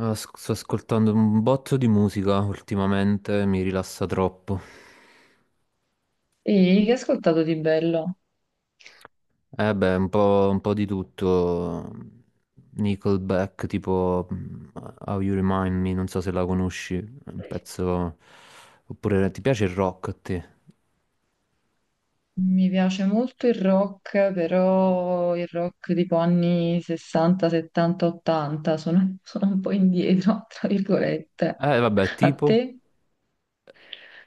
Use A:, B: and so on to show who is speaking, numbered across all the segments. A: Sto ascoltando un botto di musica ultimamente, mi rilassa troppo.
B: E che ho ascoltato di bello?
A: Eh beh, un po' di tutto. Nickelback, tipo How You Remind Me, non so se la conosci, è un pezzo... Oppure ti piace il rock a te?
B: Mi piace molto il rock, però il rock tipo anni 60, 70, 80, sono un po' indietro, tra virgolette.
A: Eh vabbè,
B: A
A: tipo...
B: te?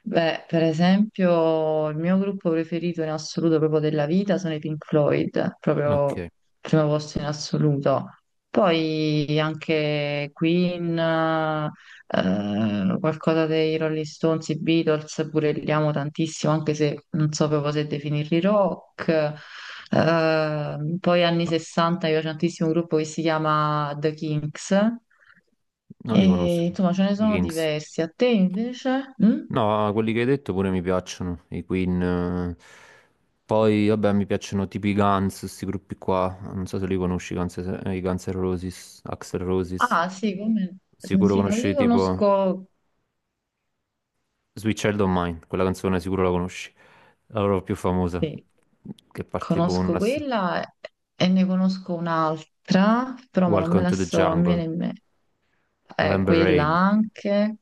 B: Beh, per esempio, il mio gruppo preferito in assoluto proprio della vita sono i Pink Floyd, proprio
A: Ok,
B: primo posto in assoluto. Poi anche Queen, qualcosa dei Rolling Stones, i Beatles, pure li amo tantissimo, anche se non so proprio se definirli rock. Poi anni 60 mi piace tantissimo un gruppo che si chiama The Kinks.
A: non li
B: E,
A: conosco.
B: insomma, ce ne
A: I
B: sono
A: Kings.
B: diversi. A te invece? Mm?
A: No, quelli che hai detto pure mi piacciono, i Queen, eh. Poi, vabbè, mi piacciono tipo i Guns, questi gruppi qua. Non so se li conosci, i Guns N' Roses, Axl Roses.
B: Ah, sì, come...
A: Sicuro
B: Sì, non
A: conosci
B: li
A: tipo
B: conosco,
A: Sweet Child O' Mine, quella canzone sicuro la conosci. La loro più famosa,
B: sì,
A: che parte tipo con
B: conosco
A: una...
B: quella e ne conosco un'altra, però ma non me
A: Welcome
B: la
A: to the
B: so, non mi
A: Jungle,
B: viene in me. Eh,
A: November
B: quella
A: Rain.
B: anche.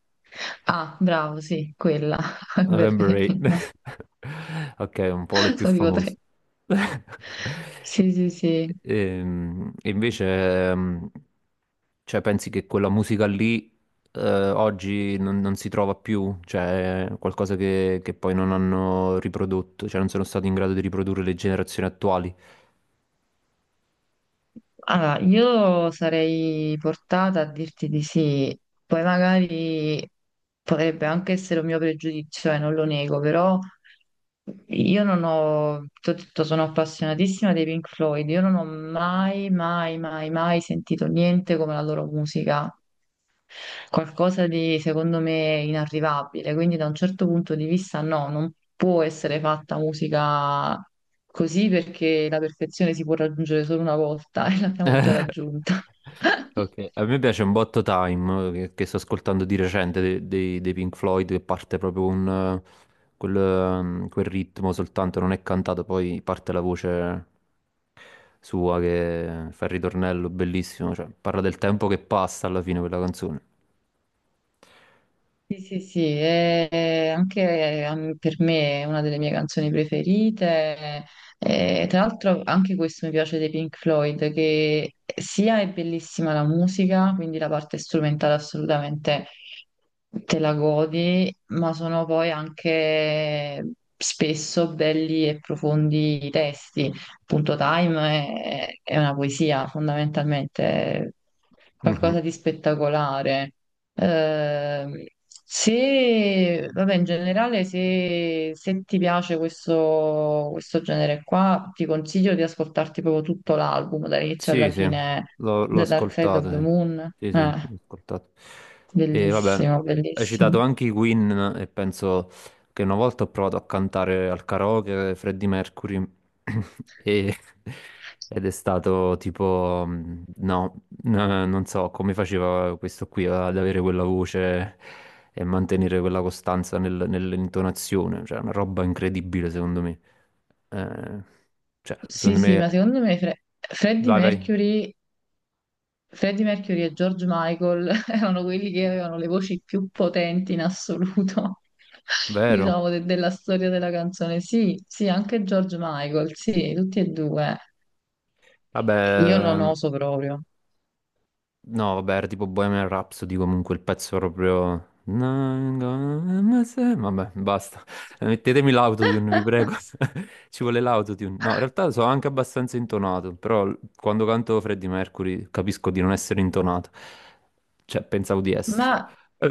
B: Ah, bravo, sì, quella,
A: November Rain.
B: Berlina.
A: Ok, un po' le più
B: Sono tipo
A: famose.
B: tre. Sì, sì, sì.
A: E, invece, ehm, cioè, pensi che quella musica lì oggi non si trova più? Cioè, è qualcosa che poi non hanno riprodotto, cioè non sono stati in grado di riprodurre le generazioni attuali?
B: Allora, io sarei portata a dirti di sì, poi magari potrebbe anche essere un mio pregiudizio, e non lo nego, però... Io non ho, ti ho detto, sono appassionatissima dei Pink Floyd, io non ho mai, mai, mai, mai sentito niente come la loro musica, qualcosa di secondo me inarrivabile, quindi da un certo punto di vista no, non può essere fatta musica così perché la perfezione si può raggiungere solo una volta e l'abbiamo già raggiunta.
A: Ok, a me piace un botto Time che sto ascoltando di recente dei Pink Floyd che parte proprio un, quel, quel ritmo soltanto, non è cantato, poi parte la voce sua che fa il ritornello bellissimo, cioè parla del tempo che passa alla fine quella canzone.
B: Sì, sì, sì, e anche per me è una delle mie canzoni preferite. E tra l'altro anche questo mi piace dei Pink Floyd, che sia è bellissima la musica, quindi la parte strumentale assolutamente te la godi, ma sono poi anche spesso belli e profondi i testi. Appunto, Time è una poesia fondamentalmente,
A: Mhm.
B: qualcosa di spettacolare. Ehm, se, vabbè, in generale, se ti piace questo genere qua, ti consiglio di ascoltarti proprio tutto l'album, dall'inizio
A: Sì,
B: alla
A: sì,
B: fine,
A: l'ho
B: The Dark Side of
A: ascoltato,
B: the
A: sì.
B: Moon.
A: Sì, sì,
B: Eh,
A: l'ho ascoltato. E vabbè,
B: bellissimo,
A: hai
B: bellissimo.
A: citato anche i Queen e penso che una volta ho provato a cantare al karaoke Freddie Mercury e- ed è stato tipo, no, non so come faceva questo qui ad avere quella voce e mantenere quella costanza nell'intonazione, cioè una roba incredibile secondo me. Eh, cioè,
B: Sì,
A: secondo
B: sì,
A: me,
B: ma secondo me Fre- Freddie
A: vai, vai,
B: Mercury Freddie Mercury e George Michael erano quelli che avevano le voci più potenti in assoluto,
A: vero.
B: diciamo, della storia della canzone. Sì, sì, anche George Michael, sì, tutti e due. Io non
A: Vabbè,
B: oso proprio.
A: no, vabbè, era tipo Bohemian Rhapsody comunque il pezzo proprio... Vabbè, basta. Mettetemi l'autotune, vi prego. Ci vuole l'autotune. No, in realtà sono anche abbastanza intonato, però quando canto Freddie Mercury capisco di non essere intonato. Cioè, pensavo di esserlo.
B: Ma,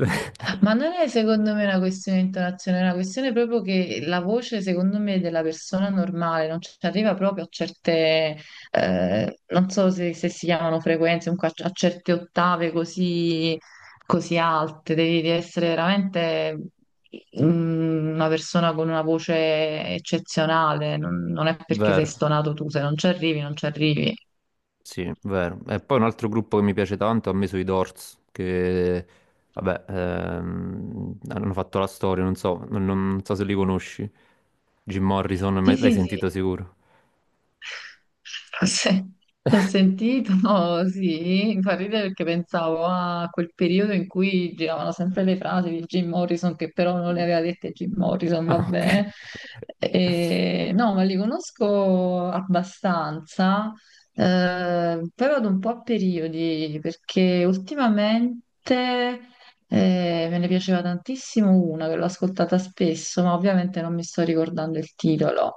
B: ma non è secondo me una questione di intonazione, è una questione proprio che la voce, secondo me, della persona normale non ci arriva proprio a certe, non so se, se si chiamano frequenze, comunque a, certe ottave così alte, devi essere veramente una persona con una voce eccezionale, non è perché sei
A: Vero.
B: stonato tu, se non ci arrivi, non ci arrivi.
A: Sì, vero. E poi un altro gruppo che mi piace tanto, a me sono i Doors, che vabbè, hanno fatto la storia, non so, non so se li conosci. Jim Morrison,
B: Sì,
A: l'hai
B: sì,
A: sentito
B: sì.
A: sicuro?
B: Sì, l'ho sentito, no, sì, mi fa ridere perché pensavo a quel periodo in cui giravano sempre le frasi di Jim Morrison, che però non le aveva dette Jim Morrison,
A: Ah, ok.
B: vabbè. E, no, ma li conosco abbastanza, però ad un po' a periodi, perché ultimamente me ne piaceva tantissimo una che l'ho ascoltata spesso, ma ovviamente non mi sto ricordando il titolo.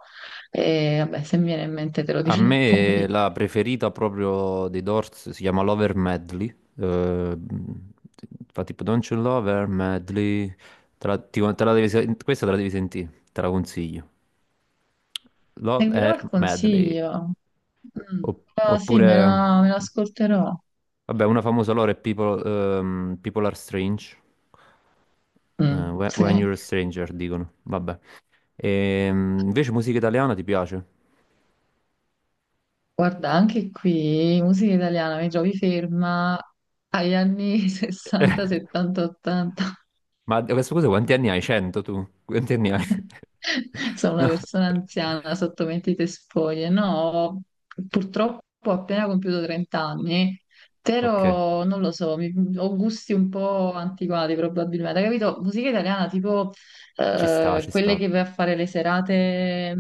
B: E vabbè, se mi viene in mente te lo
A: A
B: dirò
A: me
B: poi.
A: la preferita proprio dei Doors si chiama Lover Medley, fa tipo Don't You Love Her Medley. Te la devi, questa te la devi sentire, te la consiglio. Love
B: Seguirò
A: Her
B: il
A: Medley.
B: consiglio. Mm. Ah, sì,
A: Oppure,
B: me l'ascolterò.
A: vabbè, una famosa loro è People, People Are Strange.
B: Mm,
A: When
B: sì.
A: You're a Stranger, dicono. Vabbè. Invece musica italiana ti piace?
B: Guarda, anche qui, musica italiana, mi trovi ferma agli anni
A: Eh,
B: 60, 70, 80.
A: ma a questo cosa quanti anni hai? 100 tu? Quanti anni hai?
B: Sono una
A: No.
B: persona anziana sotto mentite spoglie. No, purtroppo ho appena compiuto 30 anni,
A: Ok,
B: però non lo so, ho gusti un po' antiquati probabilmente. Capito? Musica italiana tipo
A: ci sta, ci
B: quelle
A: sta.
B: che vai a fare le serate,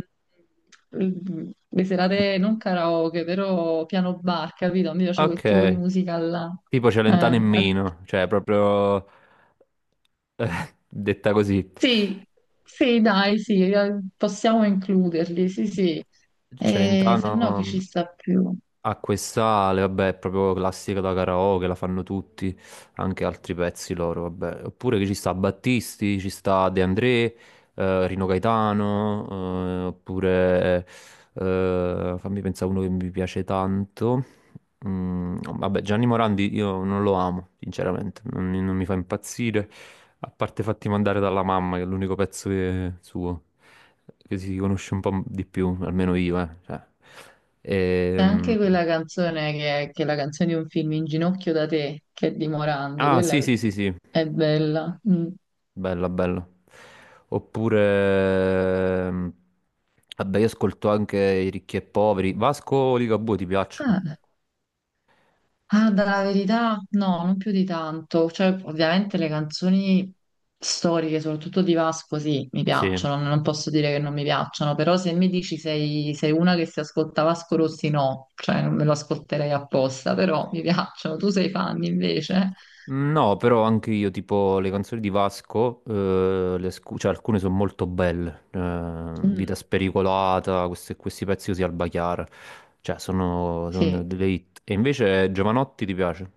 B: le serate non karaoke, però piano bar, capito? Mi piace quel tipo di
A: Ok.
B: musica là.
A: Tipo
B: Eh,
A: Celentano in
B: a-
A: Mino, cioè proprio eh, detta così.
B: sì, sì, dai, sì, possiamo includerli, sì, sì. E se no chi ci
A: Celentano
B: sta più?
A: ha quest'ale, vabbè, è proprio classica da karaoke, la fanno tutti, anche altri pezzi loro, vabbè. Oppure che ci sta Battisti, ci sta De André, Rino Gaetano, oppure fammi pensare a uno che mi piace tanto. Mm, vabbè, Gianni Morandi io non lo amo, sinceramente, non, mi non mi fa impazzire, a parte fatti mandare dalla mamma, che è l'unico pezzo suo, che si conosce un po' di più, almeno io, eh. Cioè.
B: C'è
A: Ehm,
B: anche quella canzone che è la canzone di un film In ginocchio da te, che è di Morandi,
A: Ah, sì,
B: quella
A: sì, sì, sì,
B: è bella. Mm.
A: bella, bella. Oppure, vabbè, io ascolto anche i ricchi e poveri. Vasco o Ligabue ti piacciono?
B: Ah, ah, dalla verità, no, non più di tanto. Cioè, ovviamente le canzoni storiche, soprattutto di Vasco, sì, mi
A: Sì.
B: piacciono, non posso dire che non mi piacciono, però se mi dici sei una che si ascolta Vasco Rossi, no, cioè non me lo ascolterei apposta, però mi piacciono, tu sei fan invece.
A: No, però anche io, tipo le canzoni di Vasco, cioè, alcune sono molto belle. Eh, Vita
B: Mm,
A: spericolata, questi pezzi così al Chiara. Cioè, sono, sono
B: sì.
A: delle hit. E invece Giovanotti ti piace?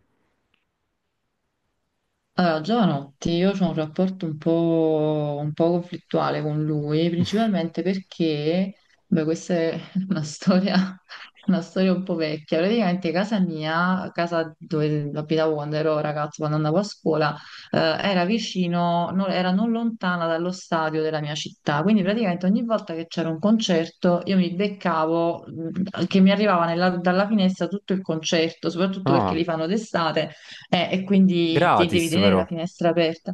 B: Allora, giovanotti, io ho un rapporto un po' conflittuale con lui, principalmente perché, beh, questa è una storia, una storia, un po' vecchia. Praticamente casa mia, casa dove abitavo quando ero ragazzo, quando andavo a scuola, era vicino, era non lontana dallo stadio della mia città. Quindi praticamente ogni volta che c'era un concerto, io mi beccavo, che mi arrivava dalla finestra tutto il concerto, soprattutto perché li
A: Ah,
B: fanno d'estate e quindi ti devi
A: gratis
B: tenere la
A: però.
B: finestra aperta.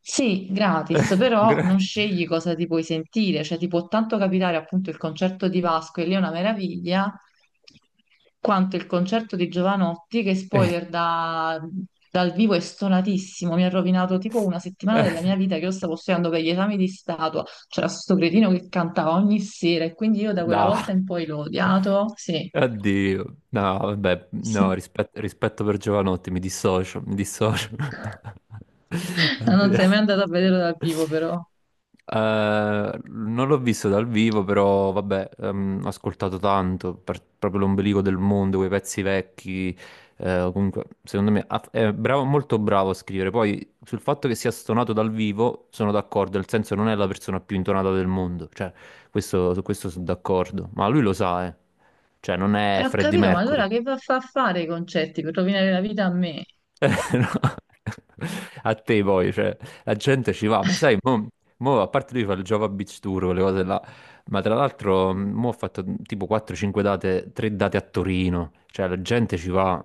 B: Sì, gratis, però
A: Gra-
B: non scegli cosa ti puoi sentire, cioè ti può tanto capitare appunto il concerto di Vasco e lì è una meraviglia, quanto il concerto di Giovanotti che spoiler dal vivo è stonatissimo, mi ha rovinato tipo una settimana
A: eh,
B: della mia vita che io stavo studiando per gli esami di statua, c'era sto cretino che cantava ogni sera e quindi io da quella
A: dai,
B: volta in poi l'ho odiato, sì,
A: addio. No, vabbè, no,
B: sì.
A: rispetto per Giovanotti, mi dissocio.
B: Non sei mai andato a vederlo dal vivo però.
A: Non l'ho visto dal vivo, però vabbè, ho ascoltato tanto, proprio l'ombelico del mondo, quei pezzi vecchi. Eh, comunque, secondo me è bravo, molto bravo a scrivere. Poi sul fatto che sia stonato dal vivo sono d'accordo, nel senso non è la persona più intonata del mondo, cioè su questo sono d'accordo, ma lui lo sa, eh. Cioè non è
B: Ho
A: Freddie
B: capito, ma allora
A: Mercury.
B: che va a fa fare i concerti per rovinare la vita a me?
A: No. A te poi, cioè, la gente ci va, ma sai, a parte lui fa il Java Beach Tour, quelle cose là, ma tra l'altro mo ho fatto tipo 4-5 date, 3 date a Torino, cioè la gente ci va,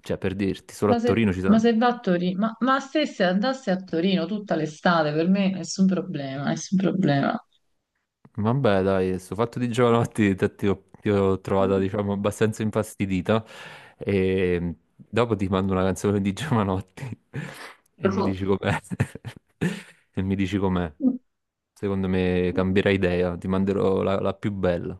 A: cioè per dirti, solo a
B: Ma se,
A: Torino ci
B: ma
A: sono...
B: se va a Torino, ma se andasse a Torino tutta l'estate, per me nessun problema, nessun problema.
A: Vabbè, dai, sto fatto di giovanotti ti ho trovata, diciamo, abbastanza infastidita e dopo ti mando una canzone di Giovanotti e mi dici com'è. E mi dici com'è. Secondo me cambierai idea, ti manderò la più bella.